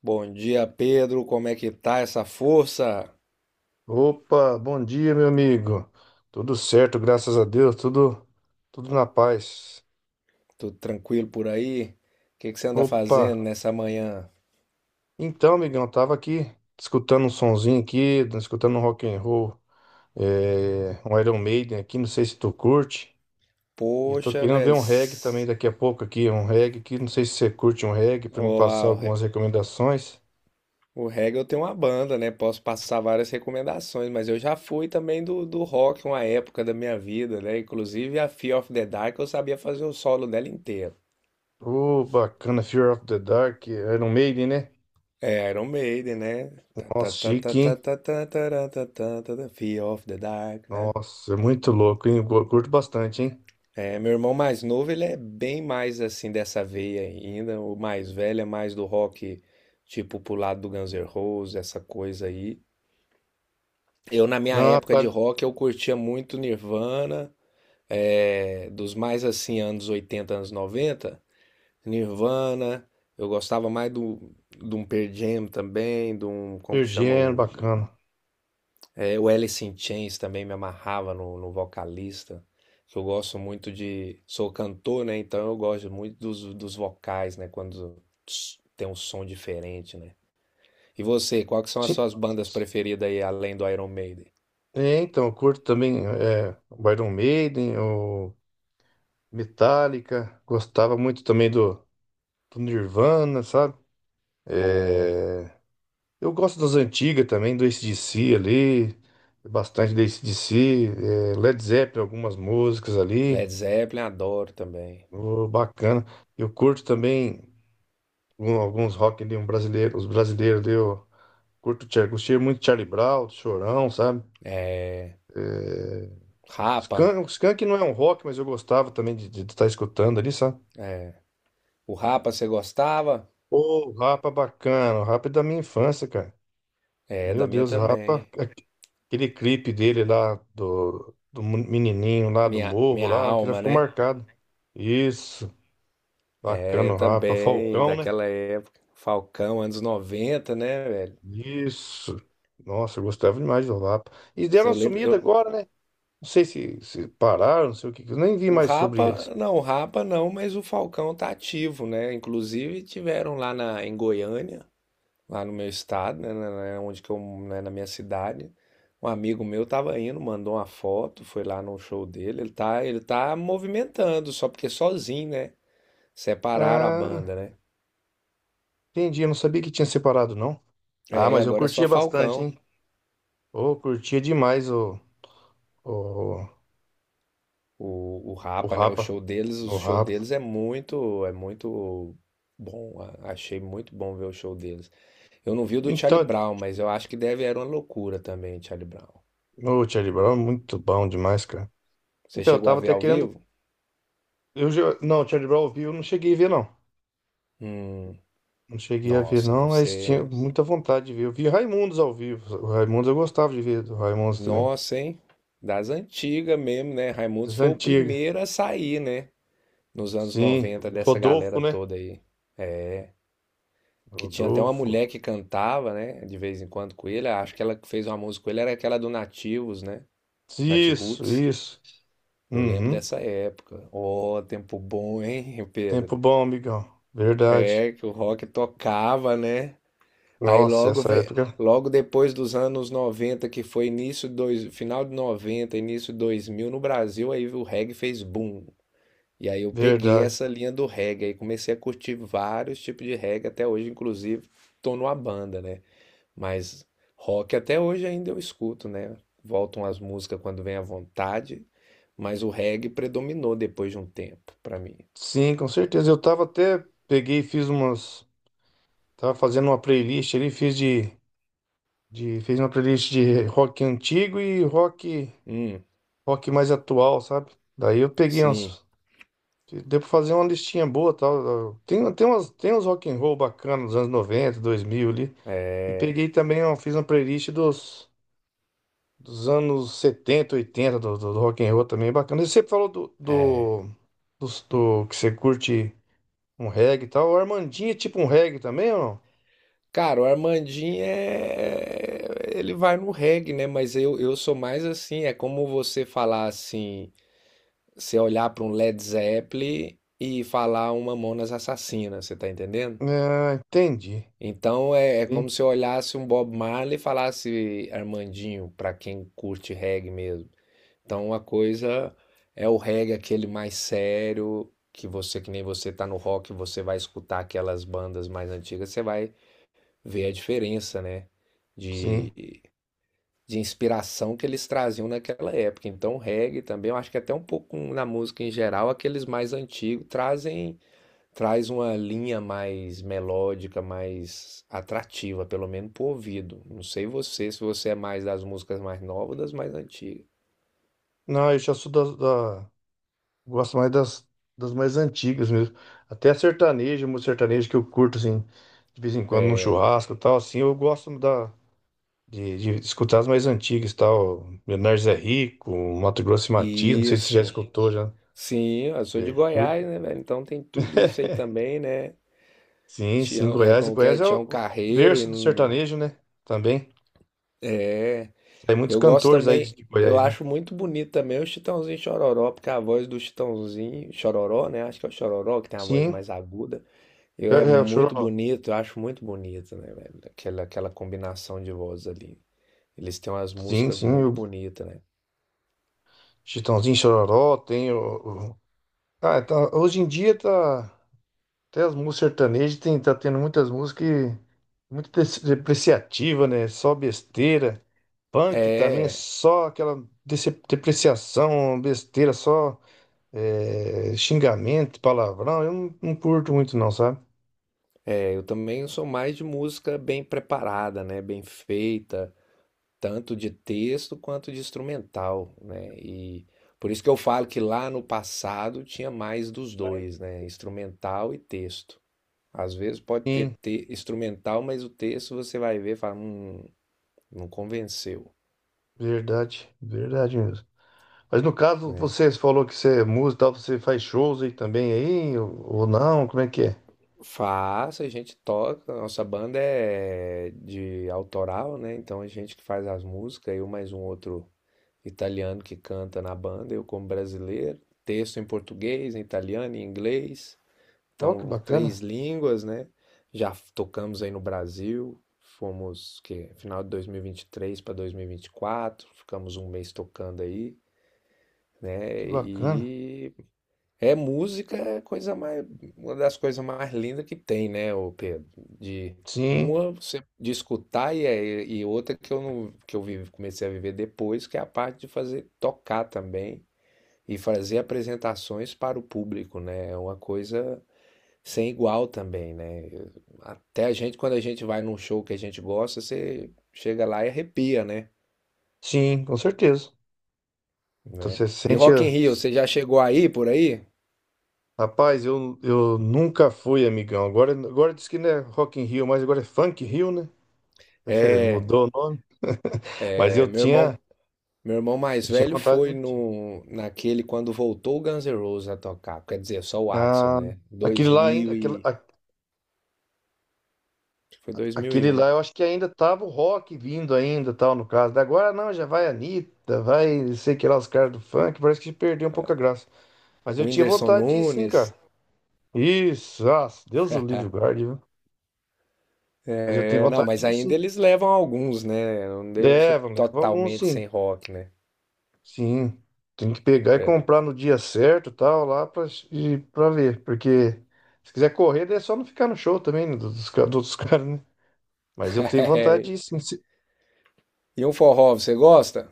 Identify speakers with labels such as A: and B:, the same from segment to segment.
A: Bom dia, Pedro. Como é que tá essa força?
B: Opa, bom dia, meu amigo. Tudo certo, graças a Deus, tudo na paz.
A: Tudo tranquilo por aí? O que que você anda
B: Opa.
A: fazendo nessa manhã?
B: Então, amigão, tava aqui escutando um sonzinho aqui, escutando um rock and roll, é, um Iron Maiden aqui, não sei se tu curte. E tô
A: Poxa,
B: querendo ver
A: velho.
B: um reggae também daqui a pouco aqui, um reggae aqui, não sei se você curte um reggae pra me
A: Ó,
B: passar
A: a- o, re-
B: algumas recomendações.
A: O reggae eu tenho uma banda, né? Posso passar várias recomendações, mas eu já fui também do rock uma época da minha vida, né? Inclusive a Fear of the Dark eu sabia fazer o solo dela inteiro.
B: Ô, bacana, Fear of the Dark, Iron Maiden, né?
A: É Iron Maiden, né? Tá, tá,
B: Nossa,
A: tá, tá,
B: chique,
A: tá,
B: hein?
A: tá, tá, tá, tá, tá, tá, tá, Fear of the Dark, né?
B: Nossa, é muito louco, hein? Eu curto bastante, hein?
A: É, meu irmão mais novo, ele é bem mais assim dessa veia ainda. O mais velho é mais do rock, tipo pro lado do Guns N' Roses, essa coisa aí. Eu, na minha
B: Não,
A: época
B: tá.
A: de rock, eu curtia muito Nirvana, é, dos mais assim, anos 80, anos 90. Nirvana, eu gostava mais de um Pearl Jam também, de um, como que
B: Pearl
A: chama
B: Jam,
A: o
B: bacana.
A: É, o Alice in Chains também me amarrava no vocalista, que eu gosto muito de. Sou cantor, né? Então eu gosto muito dos vocais, né? Quando tss, tem um som diferente, né? E você, quais são as
B: Sim.
A: suas bandas preferidas aí, além do Iron Maiden?
B: É, então, eu curto também é, o Iron Maiden, o Metallica. Gostava muito também do Nirvana, sabe?
A: Bom,
B: É, eu gosto das antigas também, do AC/DC ali. Bastante do AC/DC. É, Led Zeppelin, algumas músicas ali.
A: Led Zeppelin adoro também.
B: Ô, bacana. Eu curto também alguns rock ali, um brasileiro, os brasileiros ali. Gostei muito de Charlie Brown, Chorão, sabe?
A: É,
B: É,
A: Rapa,
B: Skank, o Skank não é um rock, mas eu gostava também de estar escutando ali, sabe?
A: é. O Rapa você gostava?
B: Ô, Rapa é bacana, o Rapa é da minha infância, cara.
A: É,
B: Meu
A: da minha
B: Deus, o Rapa.
A: também.
B: Aquele clipe dele lá, do menininho lá do
A: Minha,
B: morro
A: minha
B: lá, que já
A: alma,
B: ficou
A: né?
B: marcado. Isso,
A: É,
B: bacana
A: eu
B: o Rapa.
A: também,
B: Falcão, né?
A: daquela época. Falcão, anos 90 né, velho?
B: Isso. Nossa, eu gostava demais do Rapa. E deram uma
A: Eu lembro,
B: sumida
A: eu-
B: agora, né? Não sei se pararam, não sei o que. Eu nem vi
A: o
B: mais sobre eles.
A: Rapa, não, o Rapa não, mas o Falcão tá ativo, né? Inclusive tiveram lá na, em Goiânia, lá no meu estado, né, onde que eu, né, na minha cidade. Um amigo meu tava indo, mandou uma foto, foi lá no show dele. Ele tá movimentando, só porque sozinho, né? Separaram a
B: Ah,
A: banda, né?
B: entendi, eu não sabia que tinha separado, não. Ah,
A: É,
B: mas eu
A: agora é só
B: curtia bastante,
A: Falcão.
B: hein? Ô, curtia demais o,
A: O
B: o
A: Rapa, né?
B: Rapa.
A: O
B: O
A: show
B: Rapa.
A: deles é muito bom. Achei muito bom ver o show deles. Eu não vi o do Charlie
B: Então,
A: Brown, mas eu acho que deve era uma loucura também, Charlie Brown.
B: o Charlie Brown é muito bom demais, cara.
A: Você
B: Então, eu
A: chegou a
B: tava
A: ver
B: até
A: ao
B: querendo.
A: vivo?
B: Não, o Charlie Brown ao vivo eu não cheguei a ver, não.
A: Hum,
B: Não cheguei a ver,
A: nossa,
B: não,
A: deve
B: mas tinha
A: ser.
B: muita vontade de ver. Eu vi Raimundos ao vivo. O Raimundos eu gostava de ver, do Raimundos também.
A: Nossa, hein? Das antigas mesmo, né? Raimundos
B: Das
A: foi o
B: antigas.
A: primeiro a sair, né? Nos anos
B: Sim,
A: 90
B: o
A: dessa galera
B: Rodolfo, né?
A: toda aí. Que tinha até uma
B: Rodolfo.
A: mulher que cantava, né? De vez em quando com ele. Acho que ela que fez uma música com ele era aquela do Nativos, né? Nat
B: Isso,
A: Roots.
B: isso.
A: Eu lembro
B: Uhum.
A: dessa época. Oh, tempo bom, hein,
B: Tempo
A: Pedro?
B: bom, amigão. Verdade.
A: É que o rock tocava, né? Aí
B: Nossa,
A: logo,
B: essa
A: ve-
B: época.
A: Logo depois dos anos 90 que foi início dois, final de 90 início 2000 no Brasil, aí o reggae fez boom. E aí eu peguei
B: Verdade.
A: essa linha do reggae e comecei a curtir vários tipos de reggae até hoje, inclusive tô numa banda, né? Mas rock até hoje ainda eu escuto, né? Voltam as músicas quando vem à vontade, mas o reggae predominou depois de um tempo pra mim.
B: Sim, com certeza. Eu tava até, peguei e fiz umas, tava fazendo uma playlist ali, fiz uma playlist de rock antigo e rock,
A: Hum,
B: rock mais atual, sabe? Daí eu peguei
A: sim,
B: umas, deu pra fazer uma listinha boa, tal. Tem uns rock and roll bacanas dos anos 90 2000 ali. E
A: é,
B: peguei também, ó, fiz uma playlist dos anos 70 80 do rock and roll também, bacana. E você falou do,
A: é.
B: do, dos- do que você curte um reggae e tal. O Armandinho é tipo um reggae também ou
A: Cara, o Armandinho é. Ele vai no reggae, né? Mas eu sou mais assim. É como você falar assim. Você olhar para um Led Zeppelin e falar uma Mamonas Assassina, você tá entendendo?
B: não? É, entendi.
A: Então é, é
B: Sim,
A: como se eu olhasse um Bob Marley e falasse Armandinho, pra quem curte reggae mesmo. Então uma coisa é o reggae, aquele mais sério, que você, que nem você tá no rock, você vai escutar aquelas bandas mais antigas, você vai ver a diferença, né? De,
B: sim.
A: de inspiração que eles traziam naquela época. Então, o reggae também, eu acho que até um pouco na música em geral, aqueles mais antigos trazem traz uma linha mais melódica, mais atrativa, pelo menos pro ouvido. Não sei você, se você é mais das músicas mais novas ou das mais antigas.
B: Não, eu já sou das- da, Gosto mais das mais antigas mesmo. Até a sertaneja, música sertaneja que eu curto, assim, de vez em quando num churrasco e tal, assim, eu gosto de escutar as mais antigas e tal. Leonardo Zé Rico, Mato Grosso e Matias, não sei se você já
A: Isso.
B: escutou já.
A: Sim, eu sou de
B: Você
A: Goiás,
B: curte?
A: né, velho? Então tem tudo isso aí também, né?
B: Sim, sim,
A: Tião, é
B: Goiás. E
A: como que é?
B: Goiás é
A: Tião
B: o
A: Carreiro e
B: berço do
A: não-
B: sertanejo, né? Também.
A: é
B: Tem muitos
A: eu gosto
B: cantores aí de
A: também,
B: de
A: eu
B: Goiás, né?
A: acho muito bonito também o Chitãozinho e Chororó, porque a voz do Chitãozinho Chororó, né? Acho que é o Chororó que tem a voz
B: Sim,
A: mais aguda. Eu
B: é,
A: é
B: é o
A: muito
B: Chororó.
A: bonito, eu acho muito bonito, né, velho? Aquela, aquela combinação de vozes ali. Eles têm umas
B: Sim,
A: músicas
B: sim,
A: muito
B: o
A: bonitas, né?
B: Chitãozinho Chororó, tem Ah, tá, hoje em dia tá... Até as músicas sertanejas tá tendo muitas músicas muito depreciativa, né? Só besteira. Punk também é
A: É,
B: só aquela depreciação, besteira, só xingamento, palavrão. Eu não, não curto muito não, sabe?
A: é, eu também sou mais de música bem preparada, né? Bem feita. Tanto de texto quanto de instrumental, né? E por isso que eu falo que lá no passado tinha mais dos dois, né? Instrumental e texto. Às vezes pode ter
B: Sim,
A: instrumental, mas o texto você vai ver e fala, não convenceu,
B: verdade, verdade mesmo. Mas no caso,
A: né?
B: você falou que você é músico e tal, você faz shows aí também aí, ou não? Como é que é?
A: Faço, a gente toca, a nossa banda é de autoral, né? Então a gente que faz as músicas, eu mais um outro italiano que canta na banda, eu como brasileiro, texto em português, em italiano, em inglês.
B: Oh, que
A: Então,
B: bacana,
A: três línguas, né? Já tocamos aí no Brasil, fomos que final de dois mil e vinte e três para dois mil e vinte e quatro ficamos um mês tocando aí, né?
B: que bacana.
A: E é música, é coisa mais uma das coisas mais lindas que tem, né, ô Pedro? De
B: Sim,
A: uma você de escutar e, e outra que eu não que eu vive, comecei a viver depois, que é a parte de fazer tocar também e fazer apresentações para o público, né? É uma coisa sem igual também, né? Até a gente, quando a gente vai num show que a gente gosta, você chega lá e arrepia, né?
B: sim, com certeza. Então
A: Né?
B: você
A: E
B: sente.
A: Rock in Rio, você já chegou aí, por aí?
B: Rapaz, eu nunca fui, amigão. Agora diz que não é Rock in Rio, mas agora é Funk Rio, né?
A: É,
B: Mudou o nome. Mas
A: é,
B: eu tinha,
A: meu irmão mais
B: eu tinha
A: velho
B: vontade
A: foi
B: muito.
A: no, naquele quando voltou o Guns N' Roses a tocar. Quer dizer, só o Axl,
B: Ah,
A: né?
B: aquele
A: Dois
B: lá ainda,
A: mil
B: aquele,
A: e... acho que foi
B: Aquele
A: 2001.
B: lá, eu acho que ainda tava o rock vindo ainda, tal, no caso. Da Agora não, já vai Anitta, vai, sei que lá, os caras do funk, parece que perdeu um pouco a graça. Mas
A: O
B: eu tinha
A: Whindersson
B: vontade de ir sim,
A: Nunes.
B: cara. Isso, ah, Deus o livre guarde, viu? Mas eu tenho
A: É, não,
B: vontade
A: mas
B: de ir
A: ainda
B: sim.
A: eles levam alguns, né? Não deixa
B: Leva alguns
A: totalmente
B: sim.
A: sem rock, né?
B: Sim. Tem que pegar e
A: É.
B: comprar no dia certo, tal, lá pra ver. Porque se quiser correr, daí é só não ficar no show também, né, dos caras, né? Mas eu tenho vontade de ir sim.
A: E um forró, você gosta?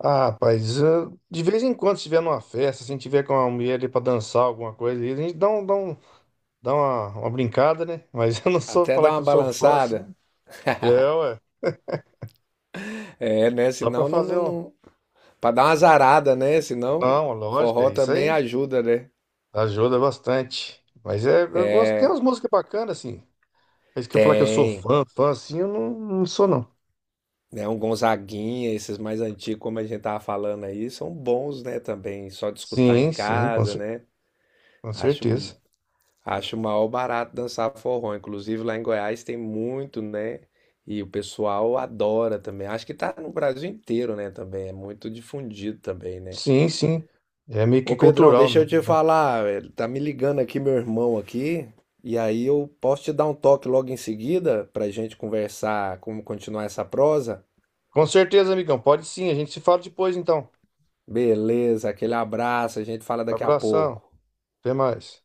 B: Ah, rapaz, ah, de vez em quando, se tiver numa festa, se a gente tiver com uma mulher ali pra dançar alguma coisa, aí a gente dá uma brincada, né? Mas eu não sou
A: Até dá
B: falar que
A: uma
B: eu sou fã,
A: balançada.
B: assim. É, ué.
A: É, né?
B: Só pra
A: Senão não,
B: fazer
A: não,
B: um.
A: não... Pra dar uma zarada, né? Senão
B: Não, lógico,
A: forró
B: é isso
A: também
B: aí.
A: ajuda, né?
B: Ajuda bastante. Mas é, eu gosto, tem umas músicas bacanas, assim. É isso que eu falar que eu sou
A: Tem.
B: fã, fã, assim, eu não, não sou, não.
A: Né, um Gonzaguinha, esses mais antigos, como a gente tava falando aí, são bons, né, também. Só de escutar em
B: Sim, sim, com,
A: casa,
B: cer-
A: né?
B: com
A: Acho,
B: certeza.
A: acho o maior barato dançar forró. Inclusive lá em Goiás tem muito, né? E o pessoal adora também. Acho que tá no Brasil inteiro, né, também. É muito difundido também, né?
B: Sim, sim. É meio que
A: Ô Pedrão,
B: cultural
A: deixa eu
B: mesmo,
A: te
B: né?
A: falar, tá me ligando aqui meu irmão aqui, e aí eu posso te dar um toque logo em seguida pra gente conversar como continuar essa prosa?
B: Com certeza, amigão. Pode sim, a gente se fala depois, então.
A: Beleza, aquele abraço, a gente fala daqui a
B: Abração.
A: pouco.
B: Até mais.